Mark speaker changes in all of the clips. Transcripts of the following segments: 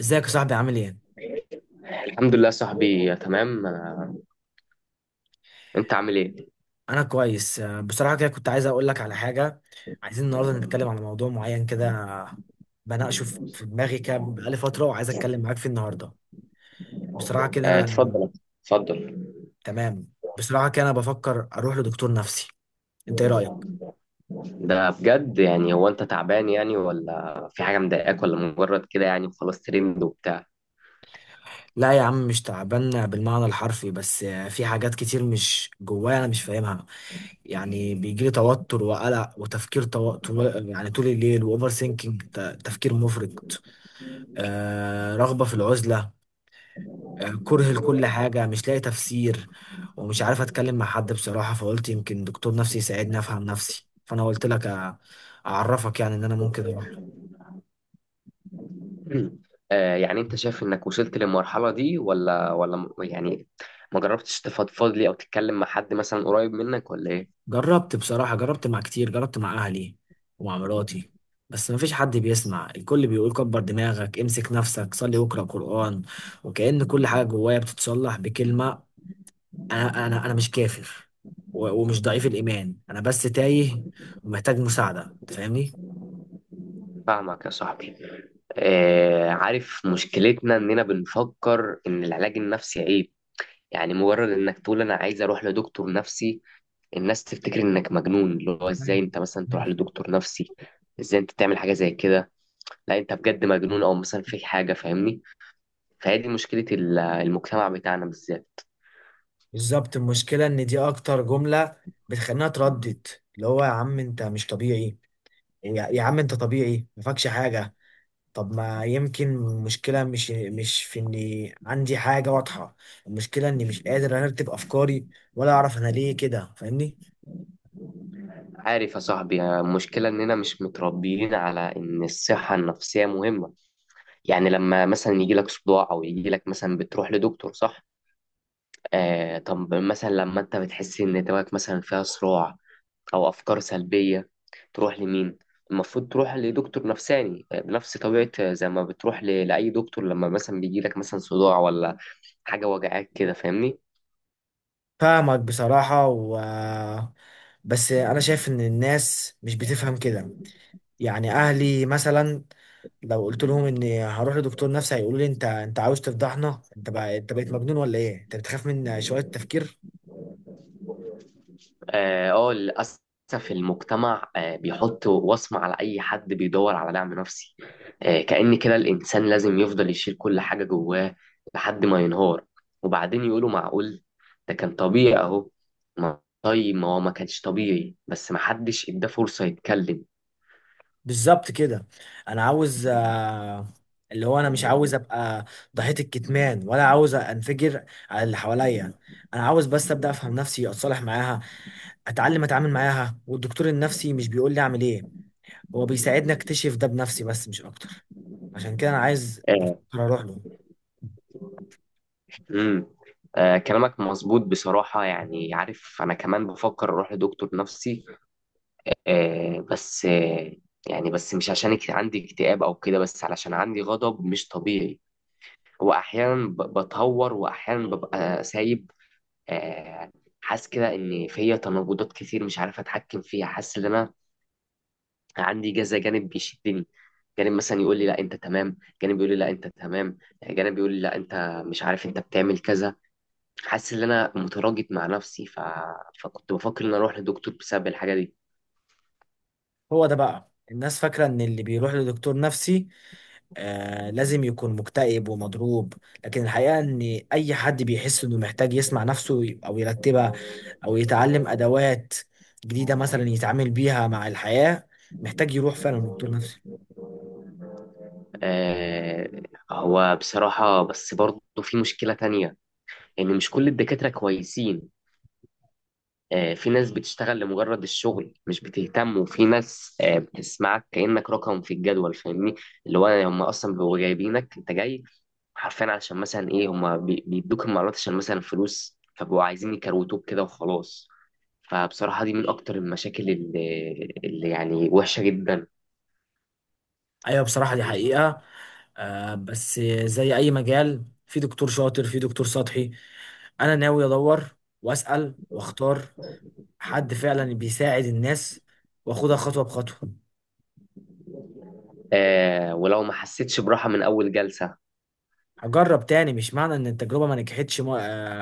Speaker 1: ازيك يا صاحبي؟ عامل ايه؟
Speaker 2: الحمد لله صاحبي تمام. انت عامل ايه؟
Speaker 1: انا كويس. بصراحة كده كنت عايز اقول لك على حاجة. عايزين النهاردة نتكلم على موضوع معين كده، بناقشه في دماغي كده بقالي فترة، وعايز اتكلم معاك فيه النهاردة. بصراحة كده
Speaker 2: اه
Speaker 1: انا
Speaker 2: اتفضل اتفضل.
Speaker 1: تمام. بصراحة كده انا بفكر اروح لدكتور نفسي. انت ايه رأيك؟
Speaker 2: ده بجد يعني، هو انت تعبان يعني، ولا في حاجه مضايقاك، ولا مجرد كده يعني خلاص ترند وبتاع؟
Speaker 1: لا يا عم، مش تعبان بالمعنى الحرفي، بس في حاجات كتير مش جوايا انا مش فاهمها. يعني بيجيلي توتر وقلق وتفكير يعني طول الليل، واوفر سينكينج، تفكير مفرط. آه، رغبة في العزلة، آه، كره لكل حاجة مش لاقي تفسير. ومش عارف اتكلم مع حد بصراحة، فقلت يمكن دكتور نفسي يساعدني افهم نفسي، فانا قلت لك اعرفك يعني ان انا ممكن اروح.
Speaker 2: اه يعني انت شايف انك وصلت للمرحله دي ولا يعني ما جربتش تفضفض لي او تتكلم مع حد مثلا قريب منك ولا ايه؟
Speaker 1: جربت بصراحة، جربت مع كتير، جربت مع اهلي ومع مراتي، بس مفيش حد بيسمع. الكل بيقول كبر دماغك، امسك نفسك، صلي واقرأ قرآن، وكأن كل حاجة جوايا بتتصلح بكلمة. انا مش كافر ومش ضعيف الإيمان، أنا بس تايه، ومحتاج مساعدة، أنت فاهمني؟
Speaker 2: فاهمك يا صاحبي. اه، عارف مشكلتنا اننا بنفكر ان العلاج النفسي عيب. يعني مجرد انك تقول انا عايز اروح لدكتور نفسي، الناس تفتكر انك مجنون، اللي هو ازاي انت مثلا تروح لدكتور نفسي، ازاي انت تعمل حاجه زي كده، لا انت بجد مجنون او مثلا في حاجه، فاهمني؟ فهي دي مشكله المجتمع بتاعنا بالذات.
Speaker 1: بالظبط، المشكلة إن دي أكتر جملة بتخلينا تردد، اللي هو يا عم أنت مش طبيعي، يا عم أنت طبيعي، مفكش حاجة. طب ما يمكن المشكلة مش في إني عندي حاجة واضحة، المشكلة إني مش قادر أرتب أفكاري، ولا أعرف أنا ليه كده، فاهمني؟
Speaker 2: عارف يا صاحبي، المشكله اننا مش متربيين على ان الصحه النفسيه مهمه. يعني لما مثلا يجي لك صداع او يجي لك مثلا، بتروح لدكتور صح؟ آه، طب مثلا لما انت بتحس ان دماغك مثلا فيها صراع او افكار سلبيه، تروح لمين؟ المفروض تروح لدكتور نفساني بنفس طبيعه زي ما بتروح لاي دكتور لما مثلا بيجي لك مثلا صداع ولا حاجه وجعاك كده، فاهمني؟
Speaker 1: فاهمك بصراحة، و بس أنا شايف إن الناس مش بتفهم كده. يعني أهلي مثلا لو قلت لهم اني هروح لدكتور نفسي، هيقولوا لي انت عاوز تفضحنا، انت بقى انت بقيت مجنون، ولا ايه، انت بتخاف من شوية تفكير؟
Speaker 2: اه، للاسف المجتمع بيحط وصمة على أي حد بيدور على دعم نفسي. كأن كده الإنسان لازم يفضل يشيل كل حاجة جواه لحد ما ينهار، وبعدين يقولوا معقول ده كان طبيعي أهو. طيب ما هو ما كانش طبيعي، بس ما حدش اداه فرصة يتكلم.
Speaker 1: بالظبط كده. انا عاوز، اللي هو انا مش عاوز ابقى ضحية الكتمان، ولا عاوز انفجر على اللي حواليا. انا عاوز بس ابدا افهم نفسي، اتصالح معاها، اتعلم اتعامل معاها. والدكتور النفسي مش بيقول لي اعمل ايه، هو بيساعدني اكتشف ده بنفسي، بس مش اكتر. عشان كده انا عايز، بفكر
Speaker 2: آه،
Speaker 1: اروح له.
Speaker 2: امم آه كلامك مظبوط بصراحة. يعني عارف أنا كمان بفكر أروح لدكتور نفسي، آه بس آه يعني بس مش عشان عندي اكتئاب أو كده، بس علشان عندي غضب مش طبيعي. وأحيانا بتهور، وأحيانا ببقى سايب. آه حاسس كده إن فيا تناقضات كتير مش عارف أتحكم فيها. حاسس إن أنا عندي كذا جانب بيشدني، جانب مثلا يقول لي لا أنت تمام، جانب يقول لي لا أنت تمام، جانب يقول لي لا أنت مش عارف أنت بتعمل كذا. حاسس ان انا متراجع مع نفسي. فكنت بفكر ان اروح لدكتور بسبب الحاجه دي.
Speaker 1: هو ده بقى، الناس فاكرة ان اللي بيروح لدكتور نفسي آه لازم يكون مكتئب ومضروب، لكن الحقيقة ان اي حد بيحس انه محتاج يسمع نفسه او يرتبها، او يتعلم ادوات جديدة مثلا يتعامل بيها مع الحياة، محتاج يروح فعلا لدكتور نفسي.
Speaker 2: آه، هو بصراحه بس برضه في مشكله تانية، ان مش كل الدكاتره كويسين. في ناس بتشتغل لمجرد الشغل مش بتهتم، وفي ناس بتسمعك كأنك رقم في الجدول، فاهمني؟ اللي هو هم اصلا بيبقوا جايبينك، انت جاي حرفيا علشان مثلا ايه، هم بيدوك المعلومات عشان مثلا فلوس، فبقوا عايزين يكروتوك كده وخلاص. فبصراحة دي من أكتر المشاكل اللي يعني وحشة جدا.
Speaker 1: ايوه، بصراحة دي حقيقة. آه بس زي اي مجال، في دكتور شاطر، في دكتور سطحي. انا ناوي ادور واسأل واختار حد فعلا بيساعد الناس، واخدها خطوة بخطوة.
Speaker 2: آه، ولو ما حسيتش براحة من أول جلسة.
Speaker 1: اجرب تاني، مش معنى ان التجربه ما نجحتش، ما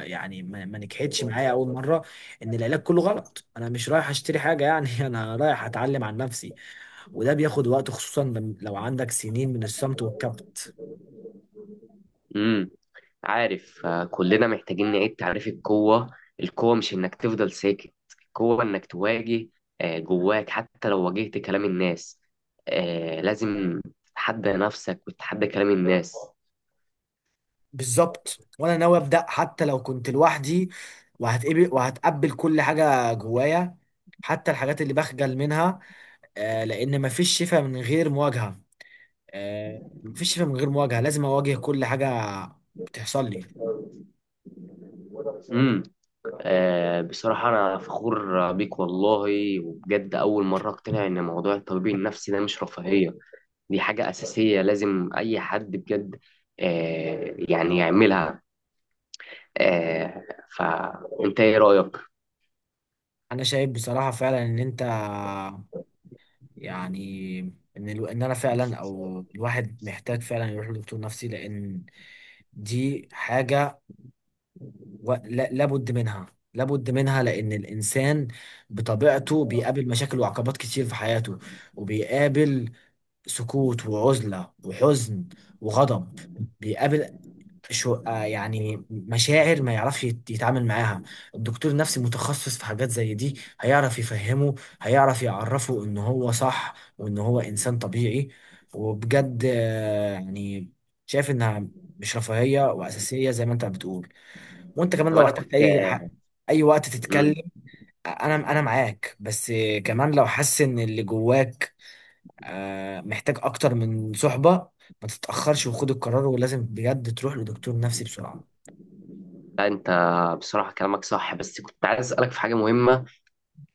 Speaker 1: آه، يعني ما نجحتش معايا اول مره، ان العلاج كله غلط. انا مش رايح اشتري حاجه يعني انا رايح اتعلم عن نفسي، وده بياخد وقت، خصوصا لو عندك سنين من الصمت والكبت.
Speaker 2: مم. عارف، كلنا محتاجين نعيد تعريف القوة. القوة مش إنك تفضل ساكت، القوة إنك تواجه جواك حتى لو واجهت كلام الناس. لازم تتحدى نفسك وتتحدى كلام الناس.
Speaker 1: بالظبط، وانا ناوي ابدا حتى لو كنت لوحدي، وهتقبل كل حاجه جوايا، حتى الحاجات اللي بخجل منها، آه، لان مفيش شفاء من غير مواجهه. آه، مفيش شفاء من غير مواجهه، لازم اواجه كل حاجه بتحصل لي.
Speaker 2: امم بصراحة أنا فخور بيك والله، وبجد أول مرة أقتنع إن موضوع الطبيب النفسي ده مش رفاهية، دي حاجة أساسية لازم أي حد بجد يعني يعملها. آه، فأنت إيه رأيك؟
Speaker 1: انا شايف بصراحه فعلا ان انت يعني، ان انا فعلا، او الواحد، محتاج فعلا يروح لدكتور نفسي، لان دي حاجه، و... لا... لابد منها، لان الانسان بطبيعته بيقابل مشاكل وعقبات كتير في حياته، وبيقابل سكوت وعزله وحزن وغضب، بيقابل شو آه، يعني مشاعر ما يعرفش يتعامل معاها. الدكتور النفسي متخصص في حاجات زي دي، هيعرف يفهمه، هيعرف يعرفه ان هو صح وان هو انسان طبيعي. وبجد يعني شايف انها مش رفاهية، واساسية زي ما انت بتقول. وانت كمان
Speaker 2: طب
Speaker 1: لو
Speaker 2: أنا
Speaker 1: احتجت
Speaker 2: كنت.
Speaker 1: اي وقت تتكلم، انا معاك. بس كمان لو حاسس ان اللي جواك آه، محتاج اكتر من صحبة، ما تتأخرش وخد القرار، ولازم بجد تروح لدكتور نفسي بسرعة.
Speaker 2: لا انت، بصراحة كلامك صح، بس كنت عايز اسألك في حاجة مهمة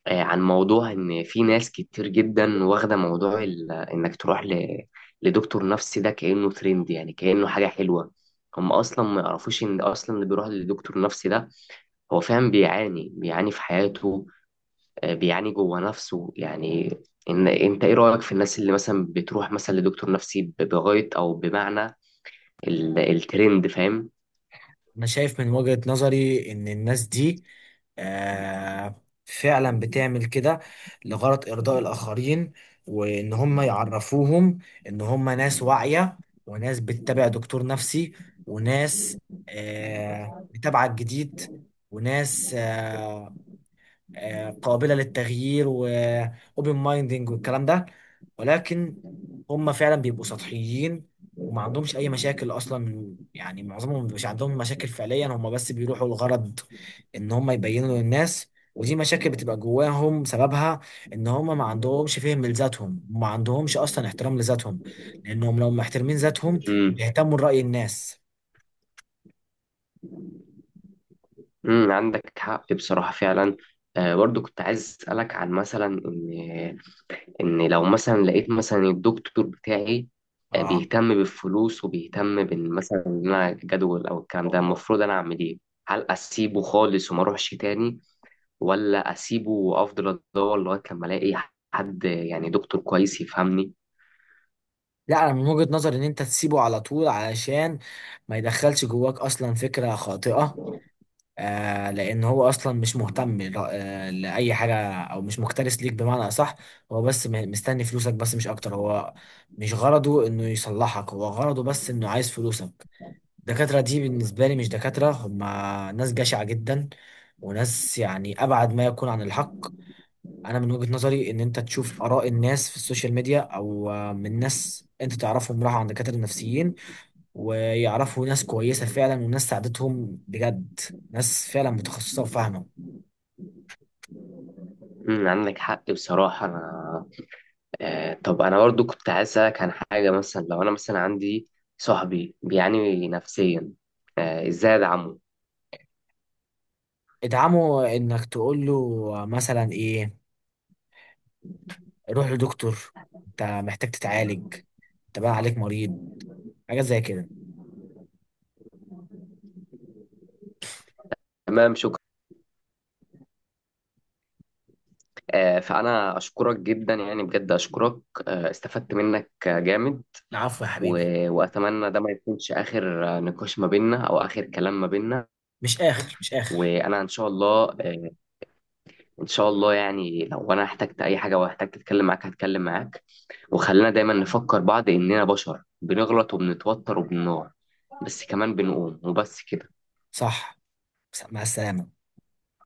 Speaker 2: عن موضوع ان في ناس كتير جدا واخدة موضوع انك تروح لدكتور نفسي ده كأنه ترند، يعني كأنه حاجة حلوة. هم اصلا ما يعرفوش ان اصلا اللي بيروح لدكتور نفسي ده هو فعلا بيعاني في حياته، بيعاني جوه نفسه يعني. ان انت ايه رأيك في الناس اللي مثلا بتروح مثلا لدكتور نفسي بغاية او بمعنى الترند، فاهم؟
Speaker 1: انا شايف من وجهة نظري ان الناس دي فعلا بتعمل كده لغرض ارضاء الاخرين، وان هم يعرفوهم ان هم ناس واعية، وناس بتتابع دكتور نفسي، وناس متابعة الجديد، وناس قابلة للتغيير، وأوبن مايندنج، والكلام ده. ولكن هم فعلا بيبقوا سطحيين، وما عندهمش أي مشاكل أصلا. يعني معظمهم مش عندهم مشاكل فعليا، هم بس بيروحوا الغرض إن هم يبينوا للناس. ودي مشاكل بتبقى جواهم، سببها إن هم ما عندهمش فهم لذاتهم، وما عندهمش أصلا احترام لذاتهم، لأنهم لو محترمين ذاتهم بيهتموا لرأي الناس.
Speaker 2: عندك حق بصراحة فعلا. آه، برضو كنت عايز أسألك عن مثلا إن لو مثلا لقيت مثلا الدكتور بتاعي آه
Speaker 1: آه.
Speaker 2: بيهتم بالفلوس وبيهتم بإن مثلا إن أنا جدول أو الكلام ده، المفروض أنا أعمل إيه؟ هل أسيبه خالص وما أروحش تاني، ولا أسيبه وأفضل أدور لغاية لما ألاقي حد يعني دكتور كويس يفهمني؟
Speaker 1: لا، انا من وجهة نظري ان انت تسيبه على طول، علشان ما يدخلش جواك اصلا فكرة خاطئة. آه لان هو اصلا مش مهتم لاي حاجة، او مش مكترث ليك بمعنى اصح. هو بس مستني فلوسك بس، مش اكتر. هو مش غرضه انه يصلحك، هو غرضه بس انه عايز فلوسك. الدكاترة دي بالنسبة لي مش دكاترة، هما ناس جشعة جدا، وناس يعني ابعد ما يكون عن الحق. انا من وجهة نظري ان انت تشوف اراء الناس في السوشيال ميديا، او من ناس انت تعرفهم راحوا عند دكاترة نفسيين، ويعرفوا ناس كويسة فعلا، وناس ساعدتهم بجد، ناس فعلا متخصصة وفاهمة.
Speaker 2: عندك حق بصراحة. أنا طب انا برضو كنت عايز اسالك عن حاجه، مثلا لو انا مثلا عندي صاحبي بيعاني نفسيا، ازاي ادعمه؟
Speaker 1: ادعمه انك تقول له مثلا ايه، روح لدكتور، انت محتاج تتعالج، انت بقى عليك مريض، حاجات زي كده.
Speaker 2: تمام شكرا. فانا اشكرك جدا، يعني بجد اشكرك. استفدت منك جامد.
Speaker 1: العفو يا حبيبي.
Speaker 2: واتمنى ده ما يكونش اخر نقاش ما بيننا او اخر كلام ما بيننا.
Speaker 1: مش اخر، مش اخر.
Speaker 2: وانا ان شاء الله ان شاء الله يعني لو انا احتجت اي حاجه واحتجت اتكلم معاك هتكلم معاك. وخلينا دايما نفكر بعض اننا بشر بنغلط وبنتوتر وبنقع، بس كمان بنقوم، وبس كده.
Speaker 1: صح. مع السلامة.